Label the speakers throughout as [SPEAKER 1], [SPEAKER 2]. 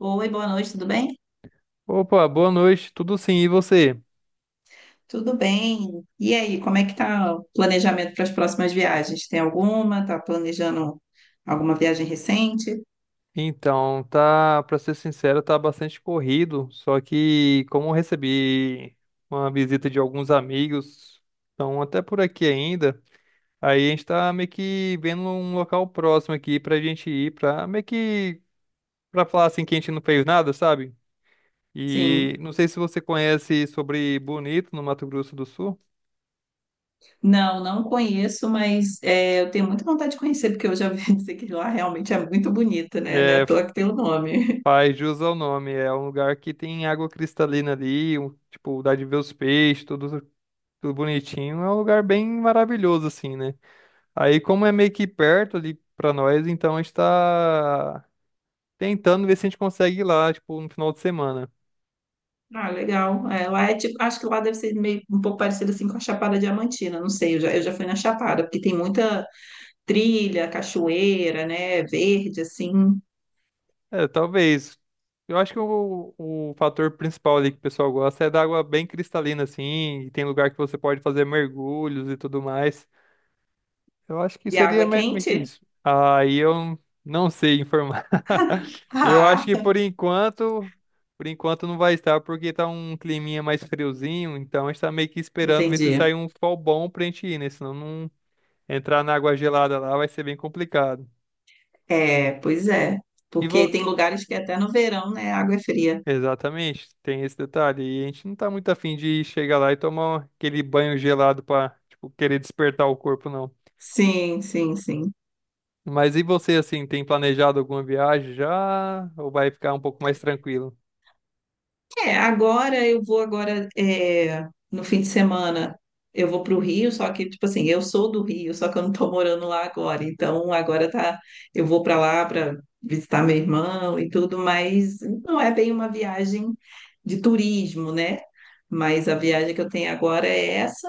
[SPEAKER 1] Oi, boa noite, tudo bem?
[SPEAKER 2] Opa, boa noite, tudo sim, e você?
[SPEAKER 1] Tudo bem. E aí, como é que tá o planejamento para as próximas viagens? Tem alguma? Tá planejando alguma viagem recente?
[SPEAKER 2] Então, tá, pra ser sincero, tá bastante corrido, só que como eu recebi uma visita de alguns amigos, estão até por aqui ainda, aí a gente tá meio que vendo um local próximo aqui pra gente ir, pra meio que, pra falar assim que a gente não fez nada, sabe? E
[SPEAKER 1] Sim.
[SPEAKER 2] não sei se você conhece sobre Bonito, no Mato Grosso do Sul.
[SPEAKER 1] Não, não conheço, mas é, eu tenho muita vontade de conhecer, porque eu já vi dizer que lá realmente é muito bonita, né? Não é
[SPEAKER 2] É.
[SPEAKER 1] à toa que tem o nome.
[SPEAKER 2] Faz jus ao nome, é um lugar que tem água cristalina ali, tipo, dá de ver os peixes, tudo, tudo bonitinho. É um lugar bem maravilhoso, assim, né? Aí, como é meio que perto ali pra nós, então a gente tá tentando ver se a gente consegue ir lá, tipo, no final de semana.
[SPEAKER 1] Ah, legal. É, lá é tipo, acho que lá deve ser meio um pouco parecido assim com a Chapada Diamantina, não sei, eu já fui na Chapada, porque tem muita trilha, cachoeira, né? Verde, assim,
[SPEAKER 2] É, talvez. Eu acho que o fator principal ali que o pessoal gosta é da água bem cristalina, assim, e tem lugar que você pode fazer mergulhos e tudo mais. Eu acho que
[SPEAKER 1] e a água
[SPEAKER 2] seria
[SPEAKER 1] é
[SPEAKER 2] meio que
[SPEAKER 1] quente.
[SPEAKER 2] isso. Aí eu não sei informar. Eu acho
[SPEAKER 1] Ah,
[SPEAKER 2] que por enquanto não vai estar, porque tá um climinha mais friozinho, então a gente tá meio que esperando ver se sai
[SPEAKER 1] entendi.
[SPEAKER 2] um sol bom pra gente ir, né? Senão não entrar na água gelada lá vai ser bem complicado.
[SPEAKER 1] É, pois é.
[SPEAKER 2] E vo...
[SPEAKER 1] Porque tem lugares que até no verão, né, a água é fria.
[SPEAKER 2] Exatamente, tem esse detalhe. E a gente não tá muito afim de chegar lá e tomar aquele banho gelado pra, tipo, querer despertar o corpo, não.
[SPEAKER 1] Sim, sim, sim.
[SPEAKER 2] Mas e você, assim, tem planejado alguma viagem já? Ou vai ficar um pouco mais tranquilo?
[SPEAKER 1] É, agora eu vou agora no fim de semana eu vou para o Rio, só que tipo assim, eu sou do Rio, só que eu não estou morando lá agora. Então agora tá, eu vou para lá para visitar meu irmão e tudo, mas não é bem uma viagem de turismo, né? Mas a viagem que eu tenho agora é essa.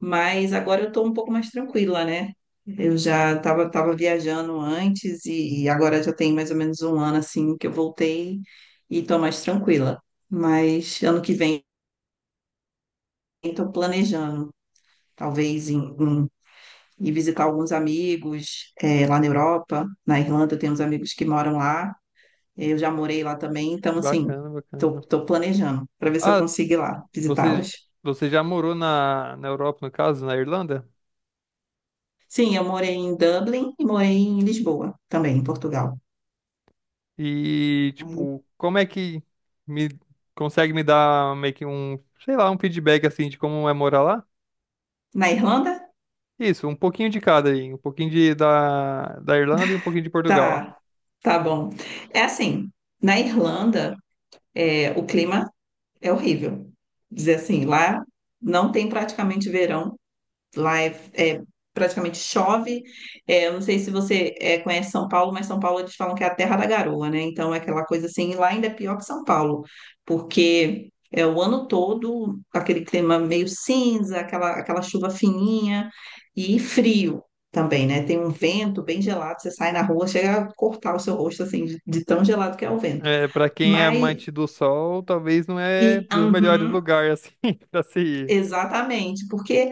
[SPEAKER 1] Mas agora eu estou um pouco mais tranquila, né? Eu já estava tava viajando antes e agora já tem mais ou menos um ano assim que eu voltei e estou mais tranquila. Mas ano que vem estou planejando, talvez ir visitar alguns amigos lá na Europa, na Irlanda eu tenho uns amigos que moram lá. Eu já morei lá também, então assim
[SPEAKER 2] Bacana, bacana.
[SPEAKER 1] planejando para ver se eu
[SPEAKER 2] Ah,
[SPEAKER 1] consigo ir lá
[SPEAKER 2] você,
[SPEAKER 1] visitá-los.
[SPEAKER 2] você já morou na Europa, no caso, na Irlanda?
[SPEAKER 1] Sim, eu morei em Dublin e morei em Lisboa também, em Portugal.
[SPEAKER 2] E, tipo, como é que me consegue me dar meio que um, sei lá, um feedback assim de como é morar lá?
[SPEAKER 1] Na Irlanda?
[SPEAKER 2] Isso, um pouquinho de cada aí, um pouquinho da Irlanda e um pouquinho de Portugal.
[SPEAKER 1] Tá, tá bom. É assim, na Irlanda, é, o clima é horrível. Dizer assim, lá não tem praticamente verão. Lá é praticamente chove. É, eu não sei se você conhece São Paulo, mas São Paulo eles falam que é a terra da garoa, né? Então é aquela coisa assim, e lá ainda é pior que São Paulo, porque é o ano todo aquele clima meio cinza, aquela chuva fininha e frio. Também, né? Tem um vento bem gelado, você sai na rua, chega a cortar o seu rosto assim, de tão gelado que é o vento.
[SPEAKER 2] É, para quem é
[SPEAKER 1] Mas,
[SPEAKER 2] amante do sol, talvez não é
[SPEAKER 1] e,
[SPEAKER 2] dos melhores
[SPEAKER 1] uhum,
[SPEAKER 2] lugares assim para se ir.
[SPEAKER 1] exatamente, porque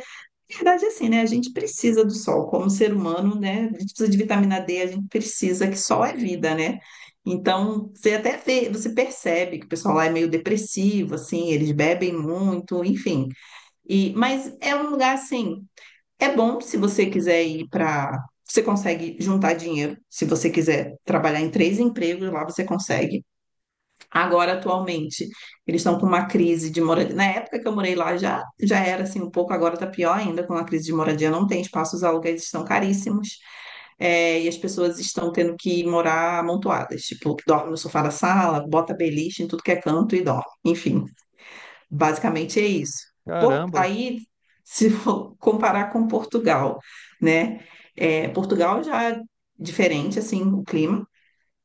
[SPEAKER 1] na verdade, assim, né? A gente precisa do sol, como ser humano, né? A gente precisa de vitamina D, a gente precisa, que sol é vida, né? Então, você até vê, você percebe que o pessoal lá é meio depressivo, assim, eles bebem muito, enfim. E, mas é um lugar, assim, é bom se você quiser ir para. Você consegue juntar dinheiro, se você quiser trabalhar em três empregos, lá você consegue agora atualmente. Eles estão com uma crise de moradia. Na época que eu morei lá já era assim um pouco, agora está pior ainda com a crise de moradia. Não tem espaço, os aluguéis estão caríssimos, e as pessoas estão tendo que morar amontoadas. Tipo, dorme no sofá da sala, bota beliche em tudo que é canto e dorme. Enfim, basicamente é isso.
[SPEAKER 2] Caramba.
[SPEAKER 1] Aí, se for comparar com Portugal, né? É, Portugal já é diferente, assim, o clima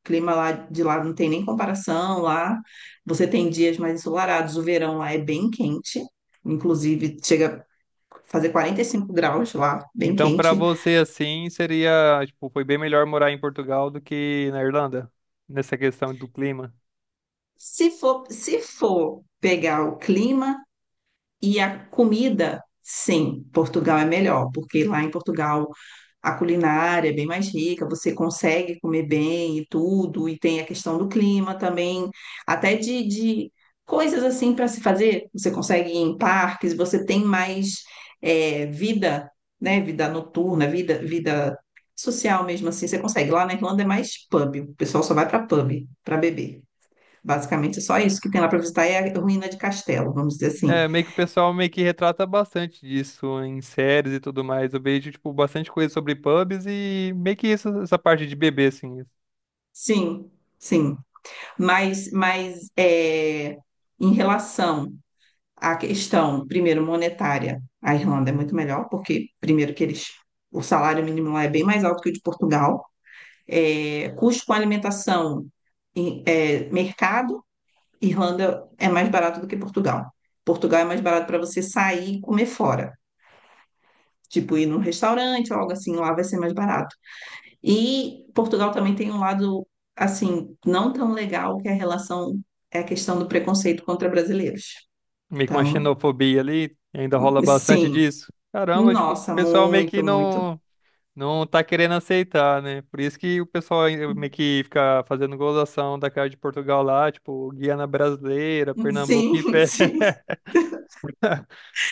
[SPEAKER 1] clima lá de lá não tem nem comparação. Lá você tem dias mais ensolarados, o verão lá é bem quente, inclusive chega a fazer 45 graus lá, bem
[SPEAKER 2] Então, pra
[SPEAKER 1] quente.
[SPEAKER 2] você, assim, seria, tipo, foi bem melhor morar em Portugal do que na Irlanda, nessa questão do clima.
[SPEAKER 1] Se for, se for pegar o clima e a comida, sim, Portugal é melhor, porque lá em Portugal a culinária é bem mais rica, você consegue comer bem e tudo, e tem a questão do clima também, até de coisas assim para se fazer. Você consegue ir em parques, você tem mais é, vida, né? Vida noturna, vida social mesmo assim. Você consegue. Lá na Irlanda é mais pub, o pessoal só vai para pub para beber. Basicamente, é só isso que tem lá para visitar é a ruína de castelo, vamos dizer assim.
[SPEAKER 2] É, meio que o pessoal meio que retrata bastante disso em séries e tudo mais. Eu vejo, tipo, bastante coisa sobre pubs e meio que isso, essa parte de bebê, assim,
[SPEAKER 1] Sim, sim. Mas é, em relação. A questão, primeiro, monetária. A Irlanda é muito melhor, porque, primeiro, que eles, o salário mínimo lá é bem mais alto que o de Portugal. É, custo com alimentação, mercado, Irlanda é mais barato do que Portugal. Portugal é mais barato para você sair e comer fora. Tipo, ir num restaurante ou algo assim, lá vai ser mais barato. E Portugal também tem um lado, assim, não tão legal, que é a relação, é a questão do preconceito contra brasileiros.
[SPEAKER 2] meio que uma
[SPEAKER 1] Então,
[SPEAKER 2] xenofobia ali, ainda rola bastante
[SPEAKER 1] sim,
[SPEAKER 2] disso. Caramba, tipo, o
[SPEAKER 1] nossa,
[SPEAKER 2] pessoal meio que
[SPEAKER 1] muito, muito.
[SPEAKER 2] não. Não tá querendo aceitar, né? Por isso que o pessoal aí meio que fica fazendo gozação da cara de Portugal lá, tipo, Guiana Brasileira, Pernambuco em
[SPEAKER 1] Sim,
[SPEAKER 2] pé.
[SPEAKER 1] sim.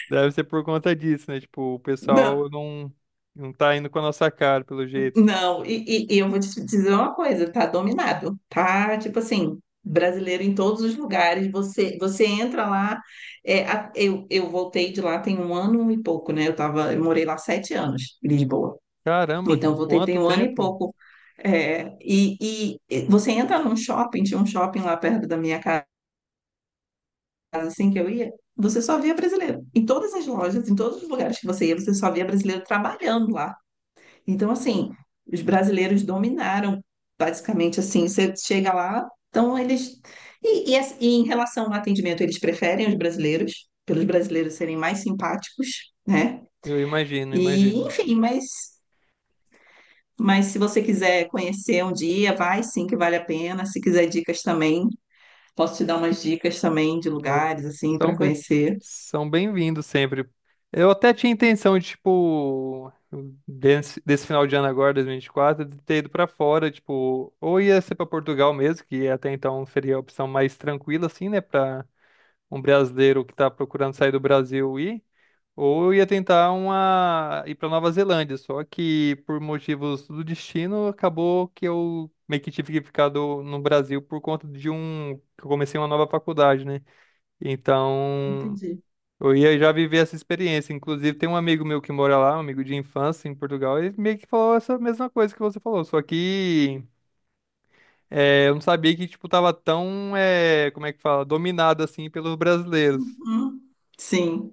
[SPEAKER 2] Deve ser por conta disso, né? Tipo, o
[SPEAKER 1] Não,
[SPEAKER 2] pessoal não, não tá indo com a nossa cara, pelo jeito.
[SPEAKER 1] não. E eu vou te dizer uma coisa, tá dominado, tá? Tipo assim, brasileiro em todos os lugares. Você entra lá. É, eu voltei de lá tem um ano e pouco, né? Eu tava, eu morei lá sete anos, em Lisboa.
[SPEAKER 2] Caramba,
[SPEAKER 1] Então eu voltei
[SPEAKER 2] quanto
[SPEAKER 1] tem um ano e
[SPEAKER 2] tempo?
[SPEAKER 1] pouco. É, e você entra num shopping, tinha um shopping lá perto da minha casa. Assim que eu ia, você só via brasileiro. Em todas as lojas, em todos os lugares que você ia, você só via brasileiro trabalhando lá. Então, assim, os brasileiros dominaram, basicamente, assim, você chega lá, então eles... E em relação ao atendimento, eles preferem os brasileiros, pelos brasileiros serem mais simpáticos, né?
[SPEAKER 2] Eu imagino,
[SPEAKER 1] E,
[SPEAKER 2] imagino.
[SPEAKER 1] enfim, mas... Mas se você quiser conhecer um dia, vai sim que vale a pena. Se quiser dicas também, posso te dar umas dicas também de
[SPEAKER 2] Ou-
[SPEAKER 1] lugares assim
[SPEAKER 2] São
[SPEAKER 1] para
[SPEAKER 2] bem,
[SPEAKER 1] conhecer.
[SPEAKER 2] são bem-vindos sempre. Eu até tinha intenção de, tipo, desse final de ano agora, dois mil e vinte e quatro de ter ido pra fora, tipo, ou ia ser pra Portugal mesmo, que até então seria a opção mais tranquila, assim, né, pra um brasileiro que tá procurando sair do Brasil ir, ou ia tentar uma, ir pra Nova Zelândia, só que por motivos do destino, acabou que eu meio que tive que ficar no Brasil por conta de um, que eu comecei uma nova faculdade, né? Então,
[SPEAKER 1] Entendi.
[SPEAKER 2] eu ia já viver essa experiência. Inclusive, tem um amigo meu que mora lá, um amigo de infância em Portugal, ele meio que falou essa mesma coisa que você falou, só que é, eu não sabia que, tipo, tava tão, é, como é que fala, dominado, assim, pelos brasileiros.
[SPEAKER 1] Uhum. Sim.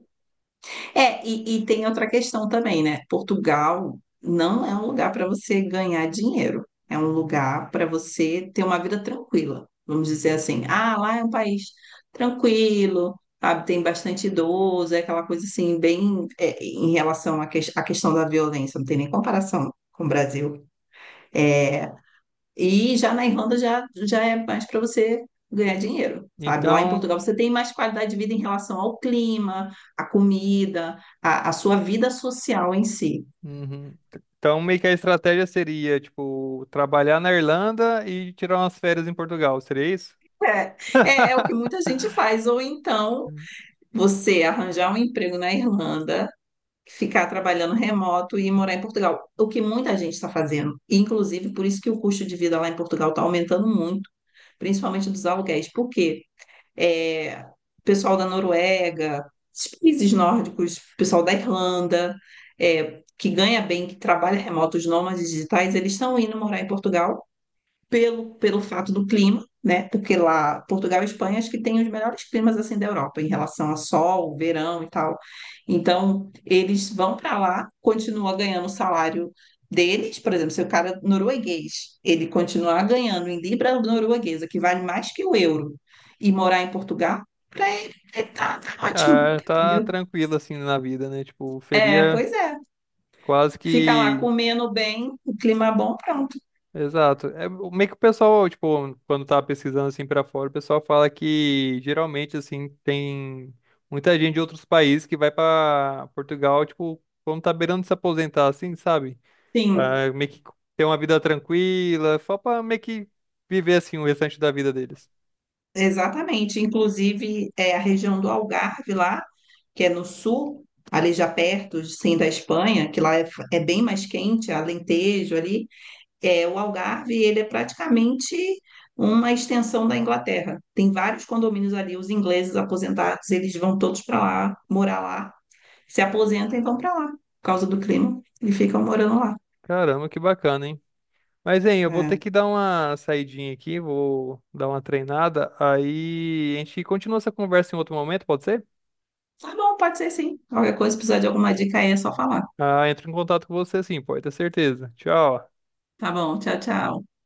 [SPEAKER 1] É, e tem outra questão também, né? Portugal não é um lugar para você ganhar dinheiro. É um lugar para você ter uma vida tranquila. Vamos dizer assim, ah, lá é um país tranquilo, sabe? Tem bastante idoso, é aquela coisa assim, bem, é, em relação à, que, à questão da violência, não tem nem comparação com o Brasil. É, e já na Irlanda já é mais para você ganhar dinheiro, sabe? Lá em
[SPEAKER 2] Então,
[SPEAKER 1] Portugal você tem mais qualidade de vida em relação ao clima, à comida, à, à sua vida social em si.
[SPEAKER 2] uhum. Então, meio que a estratégia seria, tipo, trabalhar na Irlanda e tirar umas férias em Portugal, seria isso?
[SPEAKER 1] É, é o que muita gente faz. Ou então você arranjar um emprego na Irlanda, ficar trabalhando remoto e morar em Portugal. O que muita gente está fazendo. Inclusive, por isso que o custo de vida lá em Portugal está aumentando muito, principalmente dos aluguéis. Por quê? É, pessoal da Noruega, esses países nórdicos, pessoal da Irlanda, é, que ganha bem, que trabalha remoto, os nômades digitais, eles estão indo morar em Portugal pelo fato do clima, né? Porque lá, Portugal e Espanha, acho que tem os melhores climas assim da Europa, em relação a sol, verão e tal. Então, eles vão para lá, continuam ganhando o salário deles, por exemplo, se o cara norueguês, ele continuar ganhando em libra norueguesa, que vale mais que o euro, e morar em Portugal, para ele, ele tá ótimo,
[SPEAKER 2] Ah, tá
[SPEAKER 1] entendeu?
[SPEAKER 2] tranquilo, assim, na vida, né? Tipo,
[SPEAKER 1] É,
[SPEAKER 2] seria
[SPEAKER 1] pois é.
[SPEAKER 2] quase
[SPEAKER 1] Fica lá
[SPEAKER 2] que...
[SPEAKER 1] comendo bem, o clima bom, pronto.
[SPEAKER 2] Exato. É o- meio que o pessoal, tipo, quando tá pesquisando assim pra fora, o pessoal fala que geralmente assim tem muita gente de outros países que vai pra Portugal, tipo, quando tá beirando de se aposentar assim, sabe?
[SPEAKER 1] Sim,
[SPEAKER 2] Pra meio que ter uma vida tranquila, só pra meio que viver assim o restante da vida deles.
[SPEAKER 1] exatamente. Inclusive, é a região do Algarve lá, que é no sul, ali já perto, sim, da Espanha, que lá é bem mais quente, Alentejo ali. É, o Algarve, ele é praticamente uma extensão da Inglaterra. Tem vários condomínios ali, os ingleses aposentados, eles vão todos para lá, morar lá. Se aposentam e vão para lá, por causa do clima, e ficam morando lá.
[SPEAKER 2] Caramba, que bacana, hein? Mas, hein, eu vou ter
[SPEAKER 1] É.
[SPEAKER 2] que dar uma saidinha aqui, vou dar uma treinada, aí a gente continua essa conversa em outro momento, pode ser?
[SPEAKER 1] Tá bom, pode ser sim. Qualquer coisa, se precisar de alguma dica aí, é só falar.
[SPEAKER 2] Ah, entro em contato com você sim, pode ter certeza. Tchau.
[SPEAKER 1] Tá bom, tchau, tchau.